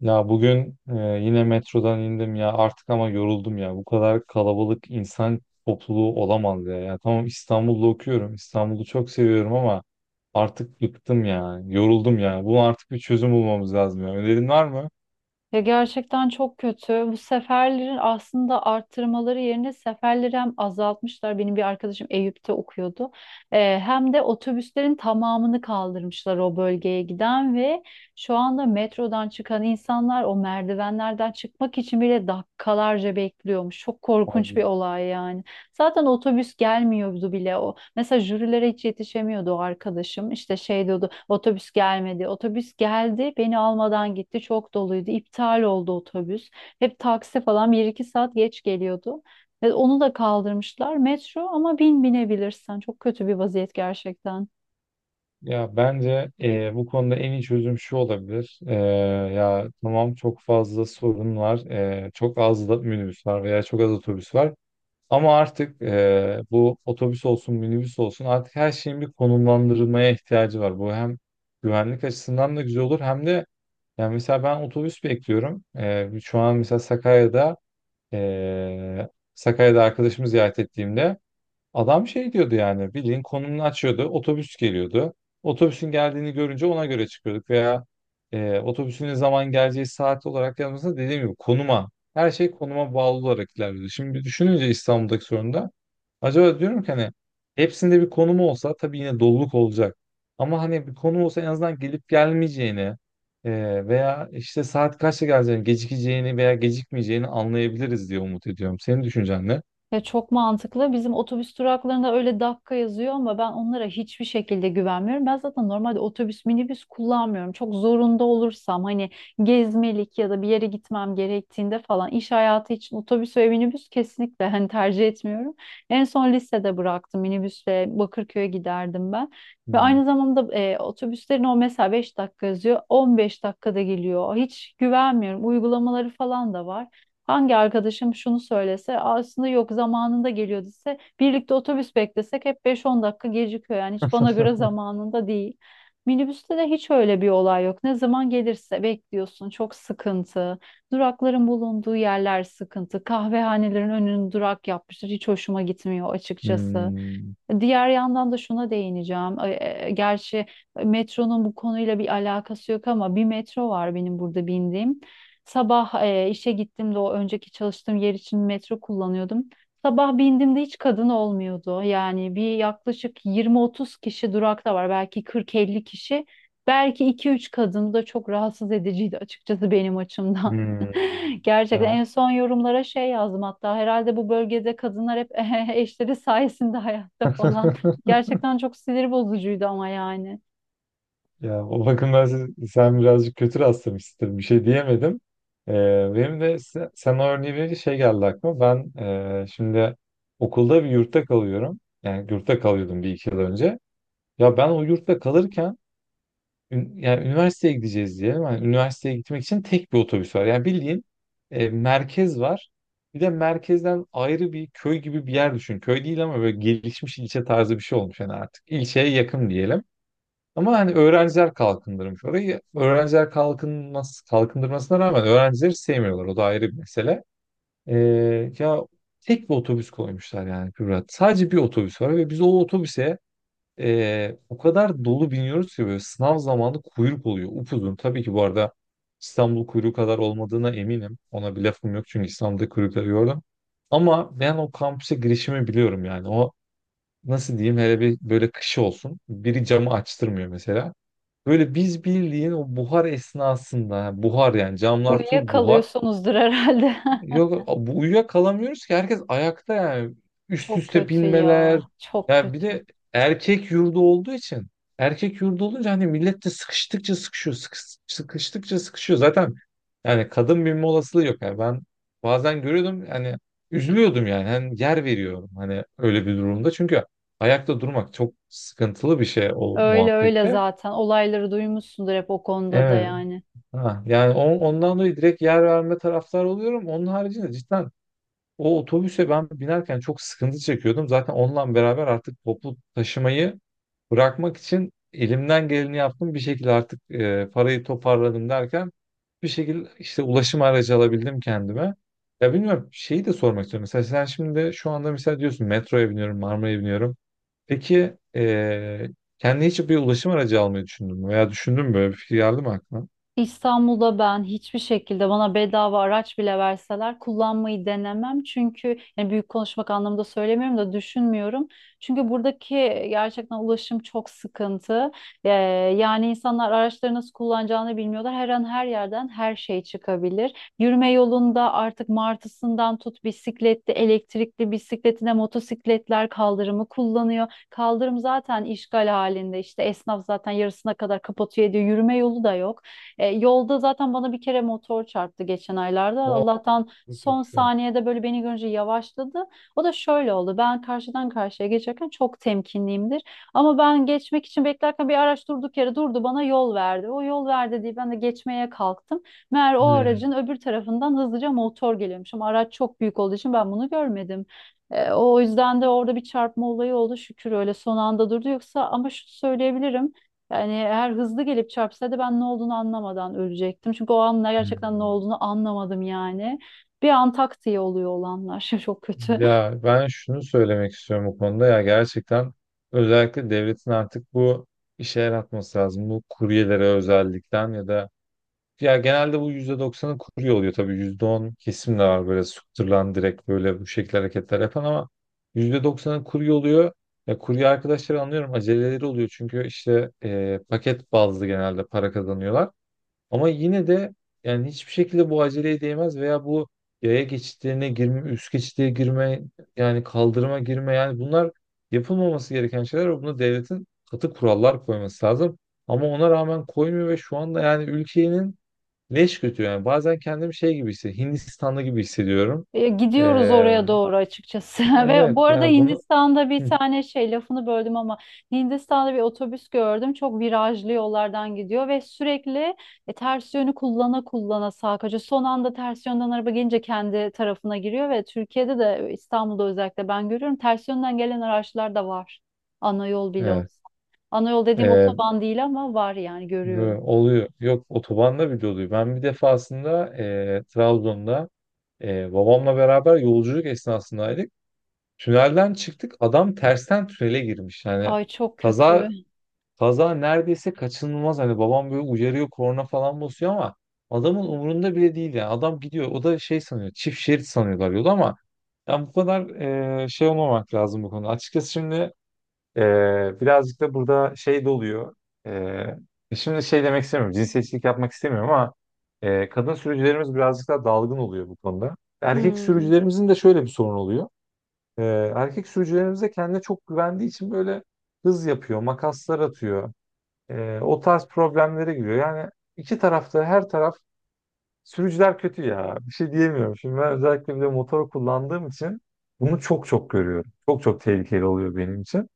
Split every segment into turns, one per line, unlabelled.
Ya bugün yine metrodan indim ya artık ama yoruldum ya. Bu kadar kalabalık insan topluluğu olamaz ya. Ya tamam İstanbul'da okuyorum. İstanbul'u çok seviyorum ama artık bıktım ya. Yoruldum ya. Bunun artık bir çözüm bulmamız lazım ya. Önerin var mı?
Ya gerçekten çok kötü. Bu seferlerin aslında arttırmaları yerine seferleri hem azaltmışlar. Benim bir arkadaşım Eyüp'te okuyordu. Hem de otobüslerin tamamını kaldırmışlar o bölgeye giden ve şu anda metrodan çıkan insanlar o merdivenlerden çıkmak için bile dakikalarca bekliyormuş. Çok korkunç
Hadi.
bir olay yani. Zaten otobüs gelmiyordu bile. Mesela jürilere hiç yetişemiyordu o arkadaşım. İşte şey diyordu, otobüs gelmedi. Otobüs geldi, beni almadan gitti. Çok doluydu. İptal oldu otobüs. Hep taksi falan bir iki saat geç geliyordu. Ve onu da kaldırmışlar. Metro ama binebilirsen. Çok kötü bir vaziyet gerçekten.
Ya bence bu konuda en iyi çözüm şu olabilir. Ya tamam çok fazla sorun var. Çok az da minibüs var veya çok az otobüs var. Ama artık bu otobüs olsun, minibüs olsun artık her şeyin bir konumlandırılmaya ihtiyacı var. Bu hem güvenlik açısından da güzel olur hem de yani mesela ben otobüs bekliyorum. Şu an mesela eee, Sakarya'da arkadaşımı ziyaret ettiğimde adam şey diyordu yani bildiğin konumunu açıyordu. Otobüs geliyordu. Otobüsün geldiğini görünce ona göre çıkıyorduk veya otobüsün ne zaman geleceği saat olarak yanımızda dediğim gibi konuma her şey konuma bağlı olarak ilerliyordu. Şimdi düşününce İstanbul'daki sorun da acaba diyorum ki hani hepsinde bir konum olsa tabii yine doluluk olacak. Ama hani bir konum olsa en azından gelip gelmeyeceğini veya işte saat kaçta geleceğini, gecikeceğini veya gecikmeyeceğini anlayabiliriz diye umut ediyorum. Senin düşüncen ne?
Ya çok mantıklı. Bizim otobüs duraklarında öyle dakika yazıyor ama ben onlara hiçbir şekilde güvenmiyorum. Ben zaten normalde otobüs, minibüs kullanmıyorum. Çok zorunda olursam, hani gezmelik ya da bir yere gitmem gerektiğinde falan, iş hayatı için otobüs ve minibüs kesinlikle hani tercih etmiyorum. En son lisede bıraktım, minibüsle Bakırköy'e giderdim ben. Ve
Hmm.
aynı zamanda otobüslerin o, mesela 5 dakika yazıyor, 15 dakikada geliyor. Hiç güvenmiyorum. Uygulamaları falan da var. Hangi arkadaşım şunu söylese, aslında yok zamanında geliyor dese, birlikte otobüs beklesek hep 5-10 dakika gecikiyor, yani hiç bana göre zamanında değil. Minibüste de hiç öyle bir olay yok. Ne zaman gelirse bekliyorsun. Çok sıkıntı. Durakların bulunduğu yerler sıkıntı. Kahvehanelerin önünü durak yapmışlar. Hiç hoşuma gitmiyor açıkçası.
Hmm.
Diğer yandan da şuna değineceğim. Gerçi metronun bu konuyla bir alakası yok ama bir metro var, benim burada bindiğim. Sabah işe gittiğimde, o önceki çalıştığım yer için metro kullanıyordum. Sabah bindiğimde hiç kadın olmuyordu. Yani bir yaklaşık 20-30 kişi durakta var. Belki 40-50 kişi. Belki iki üç kadın. Bu da çok rahatsız ediciydi açıkçası benim açımdan.
Hmm.
Gerçekten
Ya.
en son yorumlara şey yazdım hatta, herhalde bu bölgede kadınlar hep eşleri sayesinde hayatta falan. Gerçekten çok sinir bozucuydu ama yani.
Ya o bakımdan sen birazcık kötü rastlamışsın. Bir şey diyemedim. Ee, Benim de sen o örneği verince şey geldi aklıma. Ben şimdi okulda bir yurtta kalıyorum. Yani yurtta kalıyordum bir iki yıl önce. Ya ben o yurtta kalırken yani üniversiteye gideceğiz diye. Yani üniversiteye gitmek için tek bir otobüs var. Yani bildiğin merkez var. Bir de merkezden ayrı bir köy gibi bir yer düşün. Köy değil ama böyle gelişmiş ilçe tarzı bir şey olmuş yani artık. İlçeye yakın diyelim. Ama hani öğrenciler kalkındırmış orayı. Öğrenciler kalkınmaz, kalkındırmasına rağmen öğrencileri sevmiyorlar. O da ayrı bir mesele. Ya tek bir otobüs koymuşlar yani Kübra. Sadece bir otobüs var ve biz o otobüse o kadar dolu biniyoruz ki böyle sınav zamanı kuyruk oluyor. Upuzun. Tabii ki bu arada İstanbul kuyruğu kadar olmadığına eminim. Ona bir lafım yok çünkü İstanbul'da kuyrukları gördüm. Ama ben o kampüse girişimi biliyorum yani. O nasıl diyeyim hele bir böyle kışı olsun. Biri camı açtırmıyor mesela. Böyle biz bildiğin o buhar esnasında ha, buhar yani camlar full buhar.
Uyuyakalıyorsunuzdur herhalde.
Yok bu uyuyakalamıyoruz ki herkes ayakta yani üst
Çok
üste
kötü ya.
binmeler.
Çok
Ya bir
kötü.
de erkek yurdu olduğu için erkek yurdu olunca hani millet de sıkıştıkça sıkışıyor sıkıştıkça sıkışıyor zaten yani kadın binme olasılığı yok yani ben bazen görüyordum yani üzülüyordum yani hani yer veriyorum hani öyle bir durumda çünkü ayakta durmak çok sıkıntılı bir şey o
Öyle öyle
muhabbette.
zaten. Olayları duymuşsundur hep o konuda da
Evet.
yani.
Ha, yani ondan dolayı direkt yer verme taraftar oluyorum. Onun haricinde cidden o otobüse ben binerken çok sıkıntı çekiyordum. Zaten onunla beraber artık toplu taşımayı bırakmak için elimden geleni yaptım. Bir şekilde artık parayı toparladım derken bir şekilde işte ulaşım aracı alabildim kendime. Ya bilmiyorum şeyi de sormak istiyorum. Mesela sen şimdi şu anda mesela diyorsun metroya biniyorum, Marmara'ya biniyorum. Peki kendine hiç bir ulaşım aracı almayı düşündün mü? Veya düşündün mü böyle bir fikir geldi mi aklına?
İstanbul'da ben hiçbir şekilde, bana bedava araç bile verseler, kullanmayı denemem. Çünkü yani büyük konuşmak anlamında söylemiyorum da, düşünmüyorum. Çünkü buradaki gerçekten ulaşım çok sıkıntı. Ee, Yani insanlar araçları nasıl kullanacağını bilmiyorlar. Her an her yerden her şey çıkabilir. Yürüme yolunda artık martısından tut, bisikletli, elektrikli bisikletine, motosikletler kaldırımı kullanıyor. Kaldırım zaten işgal halinde. İşte esnaf zaten yarısına kadar kapatıyor ediyor. Yürüme yolu da yok. Yolda zaten bana bir kere motor çarptı geçen aylarda.
O
Allah'tan
çok
son
geçiyor.
saniyede böyle beni görünce yavaşladı. O da şöyle oldu. Ben karşıdan karşıya geçerken çok temkinliyimdir. Ama ben geçmek için beklerken bir araç durduk yere durdu, bana yol verdi. O yol verdi diye ben de geçmeye kalktım. Meğer o aracın
Hmm,
öbür tarafından hızlıca motor geliyormuş. Ama araç çok büyük olduğu için ben bunu görmedim. O yüzden de orada bir çarpma olayı oldu. Şükür öyle son anda durdu. Yoksa, ama şunu söyleyebilirim, yani eğer hızlı gelip çarpsaydı ben ne olduğunu anlamadan ölecektim. Çünkü o anlar gerçekten ne
hmm.
olduğunu anlamadım yani. Bir an tak diye oluyor olanlar. Çok kötü.
Ya ben şunu söylemek istiyorum bu konuda ya gerçekten özellikle devletin artık bu işe el atması lazım. Bu kuryelere özellikten ya da ya genelde bu %90'ı kurye oluyor tabii %10 kesim de var böyle sıktırılan direkt böyle bu şekilde hareketler yapan ama %90'ı kurye oluyor. Ya kurye arkadaşları anlıyorum aceleleri oluyor çünkü işte paket bazlı genelde para kazanıyorlar. Ama yine de yani hiçbir şekilde bu aceleye değmez veya bu yaya geçitlerine girme, üst geçitliğe girme, yani kaldırıma girme yani bunlar yapılmaması gereken şeyler ve buna devletin katı kurallar koyması lazım. Ama ona rağmen koymuyor ve şu anda yani ülkenin leş götü yani bazen kendimi şey gibi hissediyorum, Hindistan'da gibi hissediyorum.
Gidiyoruz
Ee,
oraya doğru açıkçası. Ve bu
evet
arada
yani bunu.
Hindistan'da bir
Hı,
tane şey, lafını böldüm ama, Hindistan'da bir otobüs gördüm. Çok virajlı yollardan gidiyor ve sürekli ters yönü kullana kullana sağa kaçıyor. Son anda ters yönden araba gelince kendi tarafına giriyor ve Türkiye'de de, İstanbul'da özellikle, ben görüyorum ters yönden gelen araçlar da var. Ana yol bile
evet.
olsa. Ana yol dediğim
Ee,
otoban değil ama var, yani görüyorum.
Böyle oluyor. Yok otobanda bile oluyor. Ben bir defasında Trabzon'da babamla beraber yolculuk esnasındaydık. Tünelden çıktık. Adam tersten tünele girmiş. Yani
Ay çok kötü.
kaza kaza neredeyse kaçınılmaz. Hani babam böyle uyarıyor, korna falan basıyor ama adamın umurunda bile değil yani. Adam gidiyor. O da şey sanıyor. Çift şerit sanıyorlar yolu ama yani bu kadar şey olmamak lazım bu konuda. Açıkçası şimdi birazcık da burada şey de oluyor. Şimdi şey demek istemiyorum. Cinsiyetçilik yapmak istemiyorum ama kadın sürücülerimiz birazcık daha dalgın oluyor bu konuda. Erkek
Hmm.
sürücülerimizin de şöyle bir sorun oluyor. Erkek sürücülerimiz de kendine çok güvendiği için böyle hız yapıyor, makaslar atıyor. O tarz problemlere giriyor. Yani iki tarafta her taraf sürücüler kötü ya. Bir şey diyemiyorum. Şimdi ben özellikle bir de motor kullandığım için bunu çok çok görüyorum. Çok çok tehlikeli oluyor benim için.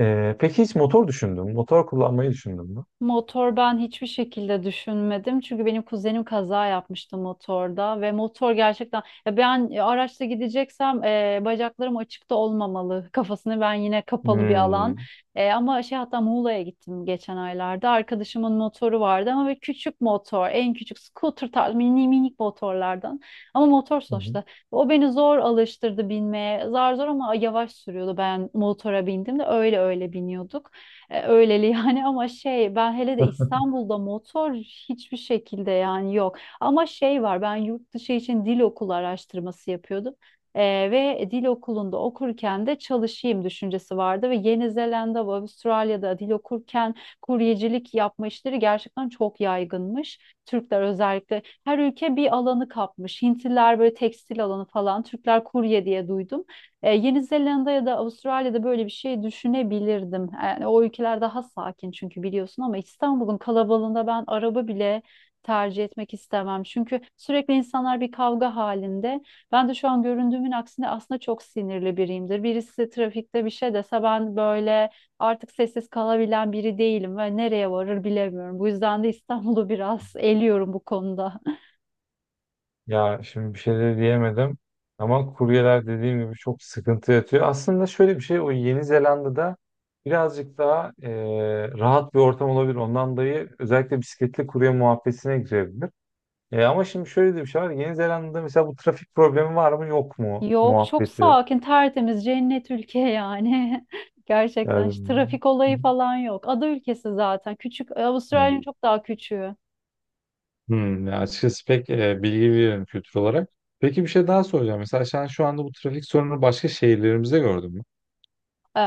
Peki hiç motor düşündün mü? Motor kullanmayı düşündün mü?
Motor ben hiçbir şekilde düşünmedim. Çünkü benim kuzenim kaza yapmıştı motorda ve motor gerçekten, ya ben araçla gideceksem bacaklarım açıkta olmamalı, kafasını, ben yine kapalı bir alan.
Hmm.
Ama şey, hatta Muğla'ya gittim geçen aylarda. Arkadaşımın motoru vardı ama böyle küçük motor, en küçük scooter tarzı mini minik motorlardan. Ama motor
Hı hı.
sonuçta. O beni zor alıştırdı binmeye. Zar zor ama yavaş sürüyordu. Ben motora bindim de öyle öyle biniyorduk. Öyleli yani, ama şey, ben hele de İstanbul'da motor hiçbir şekilde, yani yok. Ama şey var, ben yurt dışı için dil okulu araştırması yapıyordum. E, Ve dil okulunda okurken de çalışayım düşüncesi vardı ve Yeni Zelanda ve Avustralya'da dil okurken kuryecilik yapma işleri gerçekten çok yaygınmış. Türkler özellikle, her ülke bir alanı kapmış. Hintliler böyle tekstil alanı falan, Türkler kurye diye duydum. Yeni Zelanda ya da Avustralya'da böyle bir şey düşünebilirdim. Yani o ülkeler daha sakin, çünkü biliyorsun, ama İstanbul'un kalabalığında ben araba bile tercih etmek istemem. Çünkü sürekli insanlar bir kavga halinde. Ben de şu an göründüğümün aksine aslında çok sinirli biriyimdir. Birisi trafikte bir şey dese, ben böyle artık sessiz kalabilen biri değilim ve nereye varır bilemiyorum. Bu yüzden de İstanbul'u biraz eliyorum bu konuda.
Ya şimdi bir şey de diyemedim. Ama kuryeler dediğim gibi çok sıkıntı yatıyor. Aslında şöyle bir şey o Yeni Zelanda'da birazcık daha rahat bir ortam olabilir. Ondan dolayı özellikle bisikletli kurye muhabbetine girebilir. Ama şimdi şöyle de bir şey var. Yeni Zelanda'da mesela bu trafik problemi var mı yok mu
Yok çok
muhabbeti.
sakin, tertemiz, cennet ülke yani. Gerçekten hiç
Yani.
trafik olayı falan yok. Ada ülkesi zaten. Küçük,
Hı.
Avustralya'nın çok daha küçüğü.
Ya açıkçası pek bilgi veririm kültür olarak. Peki bir şey daha soracağım. Mesela sen şu anda bu trafik sorunu başka şehirlerimizde gördün mü?
Ee,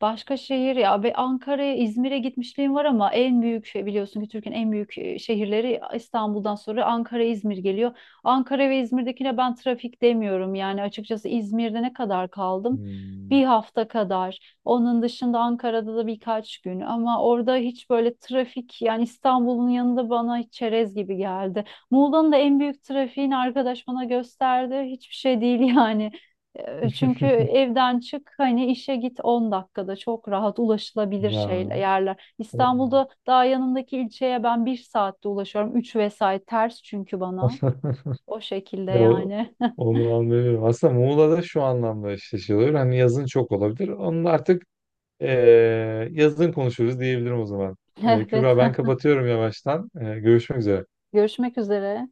Başka şehir ya, ve Ankara'ya, İzmir'e gitmişliğim var ama en büyük şey, biliyorsun ki Türkiye'nin en büyük şehirleri İstanbul'dan sonra Ankara, İzmir geliyor. Ankara ve İzmir'dekine ben trafik demiyorum yani, açıkçası. İzmir'de ne kadar kaldım? Bir
Hmm.
hafta kadar. Onun dışında Ankara'da da birkaç gün, ama orada hiç böyle trafik, yani İstanbul'un yanında bana hiç çerez gibi geldi. Muğla'nın da en büyük trafiğini arkadaş bana gösterdi. Hiçbir şey değil yani. Çünkü evden çık, hani işe git, 10 dakikada çok rahat ulaşılabilir şeyler,
Ya.
yerler. İstanbul'da daha yanımdaki ilçeye ben bir saatte ulaşıyorum. Üç vesait ters çünkü bana. O şekilde
Ya
yani.
onu anlıyorum. Aslında Muğla'da şu anlamda eşleşiyorlar. Hani yazın çok olabilir. Onu da artık e, yazın konuşuruz diyebilirim o zaman.
Evet.
Kübra ben kapatıyorum yavaştan. Görüşmek üzere.
Görüşmek üzere.